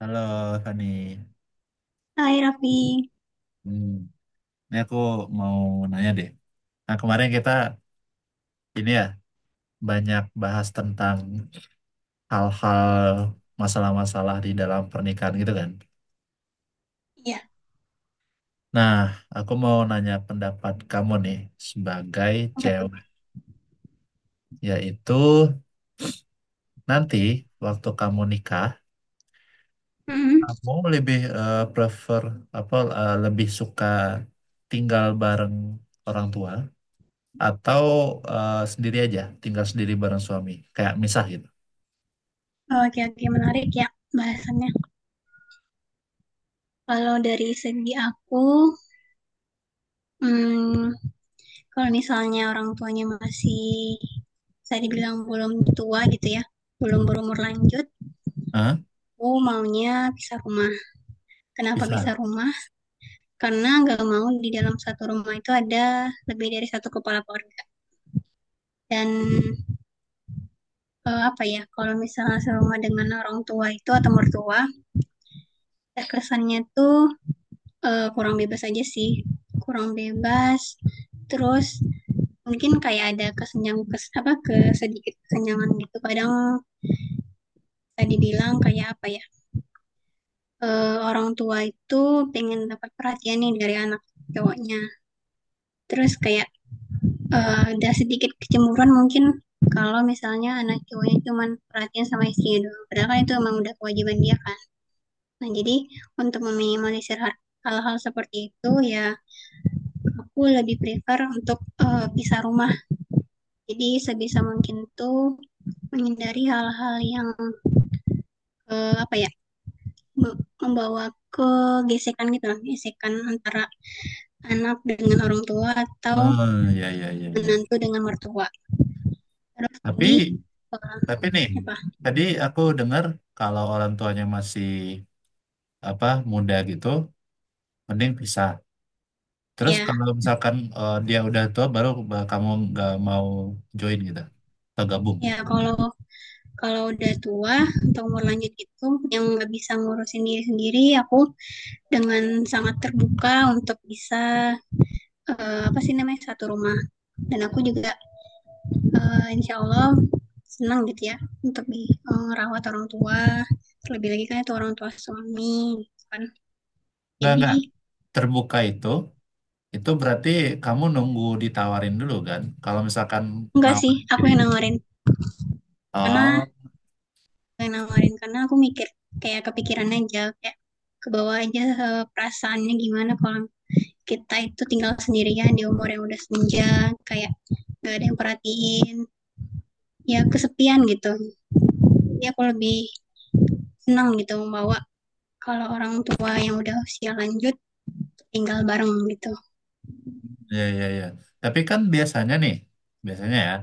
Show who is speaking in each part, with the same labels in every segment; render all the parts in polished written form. Speaker 1: Halo, Fani.
Speaker 2: Hai Raffi,
Speaker 1: Hmm, ini aku mau nanya deh. Nah, kemarin kita ini ya banyak bahas tentang hal-hal masalah-masalah di dalam pernikahan gitu kan.
Speaker 2: iya
Speaker 1: Nah, aku mau nanya pendapat kamu nih sebagai
Speaker 2: apa tuh?
Speaker 1: cewek, yaitu nanti waktu kamu nikah,
Speaker 2: Mm-mm.
Speaker 1: kamu lebih prefer apa lebih suka tinggal bareng orang tua atau sendiri aja tinggal sendiri bareng suami kayak misah gitu.
Speaker 2: Oke, oke, menarik ya bahasannya. Kalau dari segi aku, mm, kalau misalnya orang tuanya masih, saya dibilang belum tua gitu ya, belum berumur lanjut,
Speaker 1: Hah?
Speaker 2: aku maunya pisah rumah. Kenapa
Speaker 1: Pisah.
Speaker 2: pisah rumah? Karena nggak mau di dalam satu rumah itu ada lebih dari satu kepala keluarga. Dan apa ya, kalau misalnya serumah dengan orang tua itu atau mertua, terkesannya tuh kurang bebas aja sih, kurang bebas, terus mungkin kayak ada kesenjang kes, apa kesedikit kesenjangan gitu, kadang tadi bilang kayak apa ya, orang tua itu pengen dapat perhatian nih dari anak cowoknya, terus kayak ada sedikit kecemburuan mungkin kalau misalnya anak cowoknya cuma perhatian sama istrinya doang, padahal kan itu emang udah kewajiban dia kan. Nah, jadi untuk meminimalisir hal seperti itu ya, aku lebih prefer untuk pisah rumah. Jadi sebisa mungkin tuh menghindari hal-hal yang eh, apa ya membawa ke gesekan gitu lah, gesekan antara anak dengan orang tua atau
Speaker 1: Oh ya, ya, ya, ya.
Speaker 2: menantu dengan mertua. Terus lagi
Speaker 1: tapi
Speaker 2: eh,
Speaker 1: tapi nih,
Speaker 2: apa
Speaker 1: tadi aku dengar kalau orang tuanya masih apa, muda gitu, mending pisah. Terus
Speaker 2: ya
Speaker 1: kalau misalkan dia udah tua baru kamu nggak mau join gitu atau gabung.
Speaker 2: ya, kalau kalau udah tua atau umur lanjut gitu yang nggak bisa ngurusin diri sendiri, aku dengan sangat terbuka untuk bisa apa sih namanya, satu rumah. Dan aku juga insya Allah senang gitu ya untuk merawat orang tua, terlebih lagi kan itu orang tua suami, gitu kan.
Speaker 1: nggak
Speaker 2: Jadi
Speaker 1: nggak terbuka itu berarti kamu nunggu ditawarin dulu kan kalau misalkan
Speaker 2: enggak sih,
Speaker 1: nawarin
Speaker 2: aku
Speaker 1: diri.
Speaker 2: yang nawarin, karena
Speaker 1: Oh.
Speaker 2: karena aku mikir kayak kepikiran aja, kayak ke bawah aja, perasaannya gimana kalau kita itu tinggal sendirian di umur yang udah senja, kayak gak ada yang perhatiin, ya kesepian gitu. Ya aku lebih senang gitu membawa kalau orang tua yang udah usia lanjut tinggal bareng gitu.
Speaker 1: Iya, iya, iya. Tapi kan biasanya nih, biasanya ya,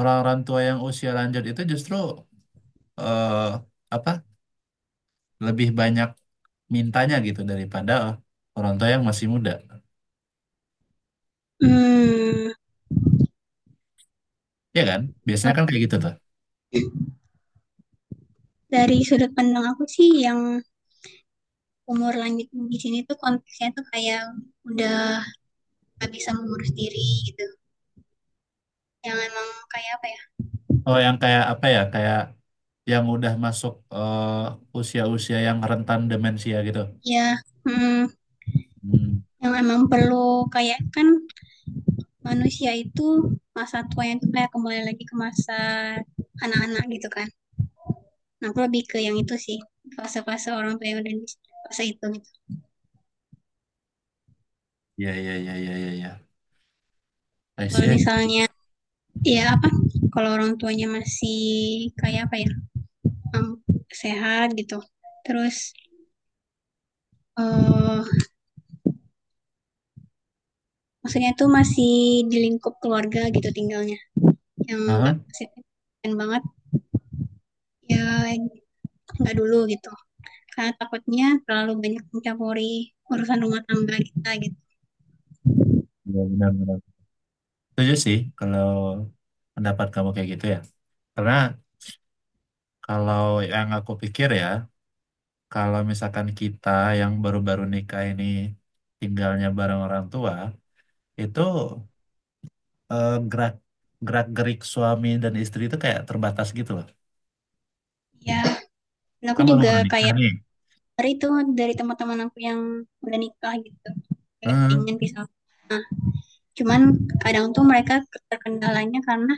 Speaker 1: orang-orang tua yang usia lanjut itu justru eh apa, lebih banyak mintanya gitu daripada orang tua yang masih muda.
Speaker 2: Hmm,
Speaker 1: Iya kan? Biasanya
Speaker 2: kalau
Speaker 1: kan kayak gitu tuh.
Speaker 2: dari sudut pandang aku sih, yang umur lanjut di sini tuh konteksnya tuh kayak udah nggak bisa mengurus diri gitu. Yang emang kayak apa ya?
Speaker 1: Oh, yang kayak apa ya? Kayak yang udah masuk usia-usia yang rentan demensia gitu.
Speaker 2: Ya, hmm,
Speaker 1: Hmm,
Speaker 2: yang emang perlu kayak, kan manusia itu masa tuanya tuh kayak kembali lagi ke masa anak-anak gitu kan. Nah, aku lebih ke yang itu sih. Fase-fase orang tua yang udah di fase itu gitu.
Speaker 1: iya, iya, iya, iya, iya, iya. I
Speaker 2: Kalau
Speaker 1: see, I see.
Speaker 2: misalnya ya apa? Kalau orang tuanya masih kayak apa ya? em, Sehat gitu. Terus eh maksudnya itu masih di lingkup keluarga gitu tinggalnya. Yang nggak
Speaker 1: Aha.
Speaker 2: signifikan banget ya, nggak dulu gitu. Karena takutnya terlalu banyak mencampuri urusan rumah tangga kita gitu.
Speaker 1: Iya, benar, benar. Setuju sih kalau pendapat kamu kayak gitu ya. Karena kalau yang aku pikir ya, kalau misalkan kita yang baru-baru nikah ini tinggalnya bareng orang tua, itu gerak gerak gerik suami dan istri itu kayak terbatas gitu loh.
Speaker 2: Ya, dan aku
Speaker 1: Kan
Speaker 2: juga
Speaker 1: baru-baru nikah
Speaker 2: kayak
Speaker 1: nih.
Speaker 2: dari itu, dari teman-teman aku yang udah nikah gitu. Kayak
Speaker 1: Hmm,
Speaker 2: pengen pisah. Cuman kadang tuh mereka terkendalanya karena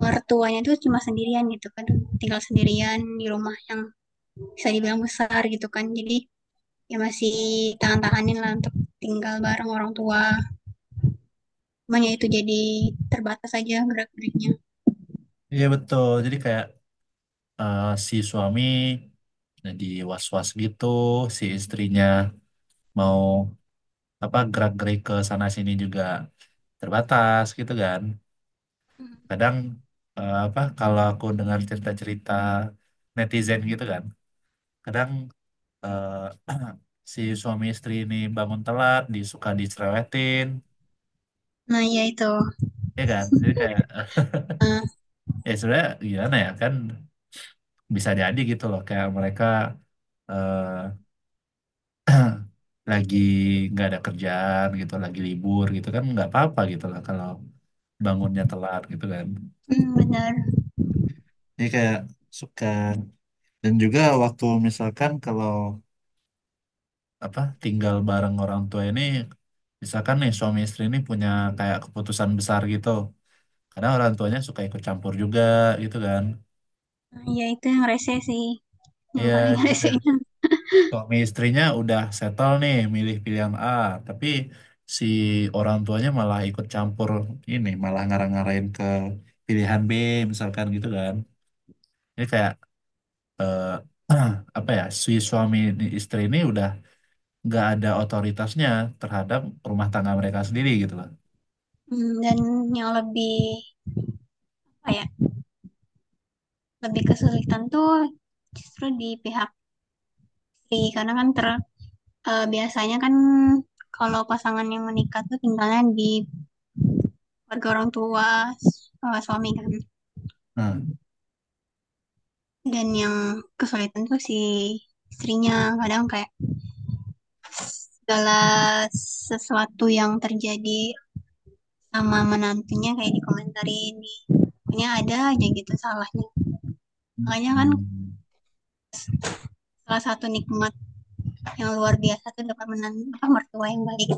Speaker 2: mertuanya tuh cuma sendirian gitu kan, tinggal sendirian di rumah yang bisa dibilang besar gitu kan, jadi ya masih tahan-tahanin lah untuk tinggal bareng orang tua, makanya itu jadi terbatas aja gerak-geriknya.
Speaker 1: iya betul. Jadi kayak si suami jadi was-was gitu, si istrinya mau apa, gerak gerik ke sana sini juga terbatas gitu kan. Kadang apa, kalau aku dengar cerita-cerita netizen gitu kan, kadang eh, si suami istri ini bangun telat disuka dicerewetin.
Speaker 2: Nah ya itu.
Speaker 1: Ya kan, jadi kayak
Speaker 2: Nah,
Speaker 1: ya sebenarnya gimana ya kan, bisa jadi gitu loh kayak mereka eh, lagi nggak ada kerjaan gitu, lagi libur gitu kan, nggak apa-apa gitu loh kalau bangunnya telat gitu kan.
Speaker 2: hmm, benar.
Speaker 1: Jadi kayak suka. Dan juga waktu misalkan kalau apa tinggal bareng orang tua ini, misalkan nih suami istri ini punya kayak keputusan besar gitu, karena orang tuanya suka ikut campur juga gitu kan.
Speaker 2: Nah, ya itu yang rese sih, yang
Speaker 1: Iya,
Speaker 2: paling
Speaker 1: jadi kayak
Speaker 2: resenya.
Speaker 1: suami istrinya udah settle nih milih pilihan A, tapi si orang tuanya malah ikut campur, ini malah ngarang-ngarain ke pilihan B misalkan gitu kan. Ini kayak eh, apa ya, si suami istri ini udah nggak ada otoritasnya terhadap rumah tangga mereka sendiri gitu loh.
Speaker 2: Hmm, dan yang lebih apa ya, lebih kesulitan tuh justru di pihak istri, karena kan biasanya kan kalau pasangan yang menikah tuh tinggalnya di keluarga orang tua, suami kan.
Speaker 1: Nah.
Speaker 2: Dan yang kesulitan tuh si istrinya, kadang kayak segala sesuatu yang terjadi sama menantunya kayak dikomentarin, di pokoknya ada aja gitu salahnya. Makanya kan
Speaker 1: Hmm.
Speaker 2: salah satu nikmat yang luar biasa tuh dapat menantu apa mertua yang baik,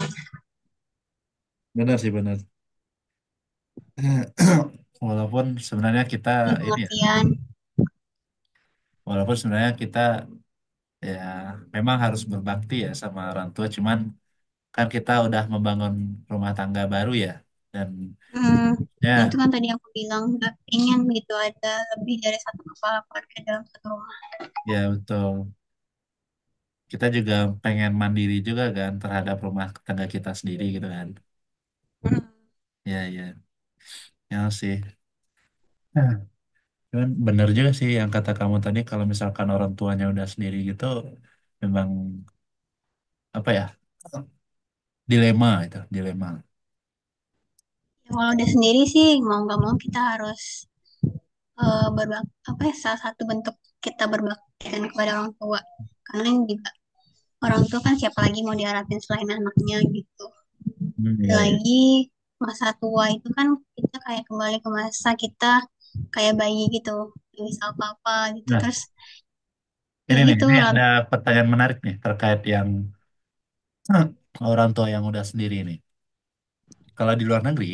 Speaker 1: Benar sih, benar. Walaupun sebenarnya
Speaker 2: di
Speaker 1: kita ini ya,
Speaker 2: pengertian.
Speaker 1: walaupun sebenarnya kita ya memang harus berbakti ya sama orang tua, cuman kan kita udah membangun rumah tangga baru ya, dan
Speaker 2: Hmm, nah
Speaker 1: ya.
Speaker 2: itu kan tadi aku bilang nggak pengen gitu ada lebih dari satu kepala keluarga dalam satu rumah.
Speaker 1: Ya betul, kita juga pengen mandiri juga kan terhadap rumah tangga kita sendiri gitu kan.
Speaker 2: Hmm.
Speaker 1: Ya ya, ya sih. Nah, cuman benar juga sih yang kata kamu tadi kalau misalkan orang tuanya udah sendiri gitu, memang apa ya, dilema itu dilema.
Speaker 2: Ya, kalau udah sendiri sih mau nggak mau kita harus eh, berbak apa ya, salah satu bentuk kita berbakti kan kepada orang tua, karena juga orang tua kan siapa lagi mau diharapin selain anaknya gitu.
Speaker 1: Hmm,
Speaker 2: Dan
Speaker 1: iya, iya.
Speaker 2: lagi masa tua itu kan kita kayak kembali ke masa kita kayak bayi gitu, nggak bisa apa-apa gitu
Speaker 1: Nah,
Speaker 2: terus. Ya
Speaker 1: ini nih,
Speaker 2: gitu.
Speaker 1: ini ada pertanyaan menarik nih terkait yang orang tua yang udah sendiri nih. Kalau di luar negeri,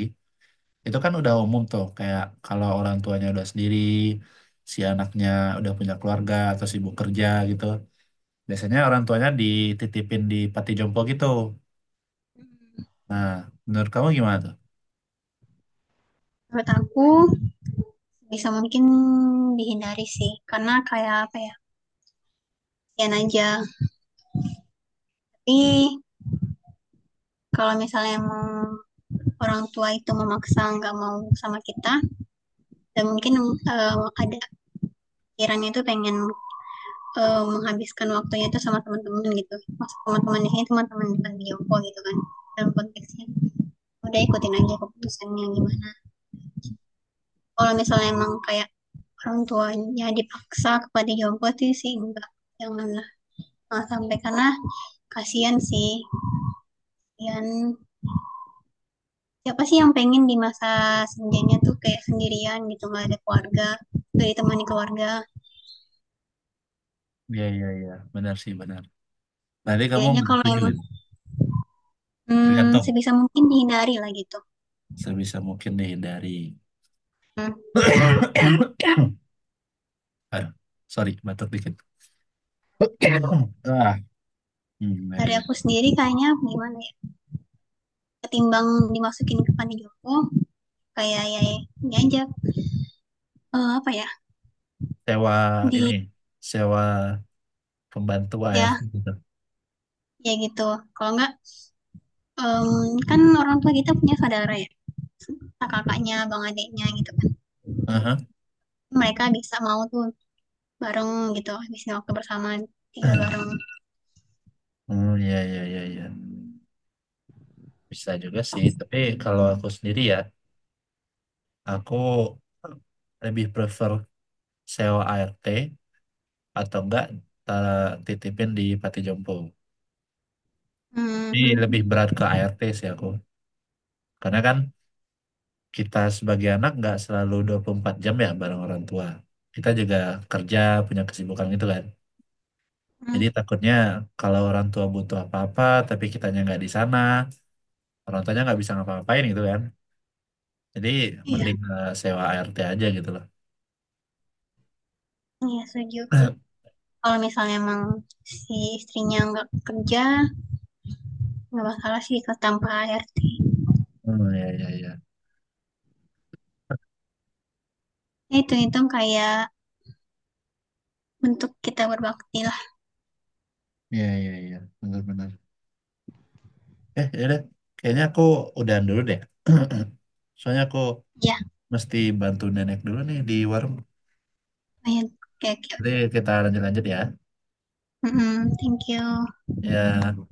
Speaker 1: itu kan udah umum tuh, kayak kalau orang tuanya udah sendiri, si anaknya udah punya keluarga atau sibuk kerja gitu. Biasanya orang tuanya dititipin di panti jompo gitu. Nah, menurut kamu gimana tuh?
Speaker 2: Menurut aku bisa mungkin dihindari sih, karena kayak apa ya, kasihan aja. Tapi kalau misalnya mau orang tua itu memaksa nggak mau sama kita, dan mungkin ada pikirannya itu pengen menghabiskan waktunya itu sama teman-teman gitu, maksud teman temannya di teman-teman di Bioko gitu kan, dalam konteksnya, udah ikutin aja keputusannya gimana. Kalau misalnya emang kayak orang tuanya dipaksa kepada Jompo, itu sih enggak, janganlah. Nah, sampai karena kasihan sih, kasihan, siapa sih yang pengen di masa senjanya tuh kayak sendirian gitu, nggak ada keluarga, nggak ditemani keluarga.
Speaker 1: Iya, iya, iya. Benar sih, benar. Tadi kamu
Speaker 2: Kayaknya
Speaker 1: nggak
Speaker 2: kalau
Speaker 1: setuju
Speaker 2: emang
Speaker 1: kan?
Speaker 2: hmm,
Speaker 1: Tergantung.
Speaker 2: sebisa mungkin dihindari lah gitu.
Speaker 1: Sebisa mungkin dihindari.
Speaker 2: Hmm.
Speaker 1: Aduh, sorry, batuk dikit. Ah, hmm, ya,
Speaker 2: Dari
Speaker 1: ya.
Speaker 2: aku sendiri kayaknya gimana ya, ketimbang dimasukin ke panti jompo, kayak ya ya, ini aja eh, apa ya
Speaker 1: Sewa
Speaker 2: di
Speaker 1: ini, sewa pembantu ART
Speaker 2: ya
Speaker 1: gitu.
Speaker 2: ya gitu. Kalau enggak em, kan orang tua kita punya saudara ya, kakaknya, bang adiknya gitu kan.
Speaker 1: Aha.
Speaker 2: Mereka bisa mau tuh bareng gitu, habisin waktu bersama, tinggal bareng.
Speaker 1: Hmm, ya, ya, ya, ya. Bisa juga sih, tapi kalau aku sendiri ya, aku lebih prefer sewa ART atau enggak titipin di Pati Jompo.
Speaker 2: Hmm,
Speaker 1: Ini
Speaker 2: hmm, hmm,
Speaker 1: lebih berat ke ART sih aku. Karena kan kita sebagai anak nggak selalu 24 jam ya bareng orang tua. Kita juga kerja, punya kesibukan gitu kan.
Speaker 2: hmm.
Speaker 1: Jadi takutnya kalau orang tua butuh apa-apa, tapi kitanya nggak di sana, orang tuanya nggak bisa ngapa-ngapain gitu kan. Jadi
Speaker 2: Iya,
Speaker 1: mending sewa ART aja gitu loh.
Speaker 2: iya setuju. Kalau misalnya emang si istrinya nggak kerja, nggak masalah sih kalau tanpa HRT.
Speaker 1: Hmm, ya, ya, ya.
Speaker 2: Ya, hitung-hitung kayak bentuk kita berbakti lah.
Speaker 1: Ya, ya, ya. Benar-benar. Eh, ya udah. Kayaknya aku udahan dulu deh. Soalnya aku
Speaker 2: Ya,
Speaker 1: mesti bantu nenek dulu nih di warung.
Speaker 2: lumayan. Oke, oke.
Speaker 1: Jadi kita lanjut-lanjut ya.
Speaker 2: Mm-mm, thank you.
Speaker 1: Ya,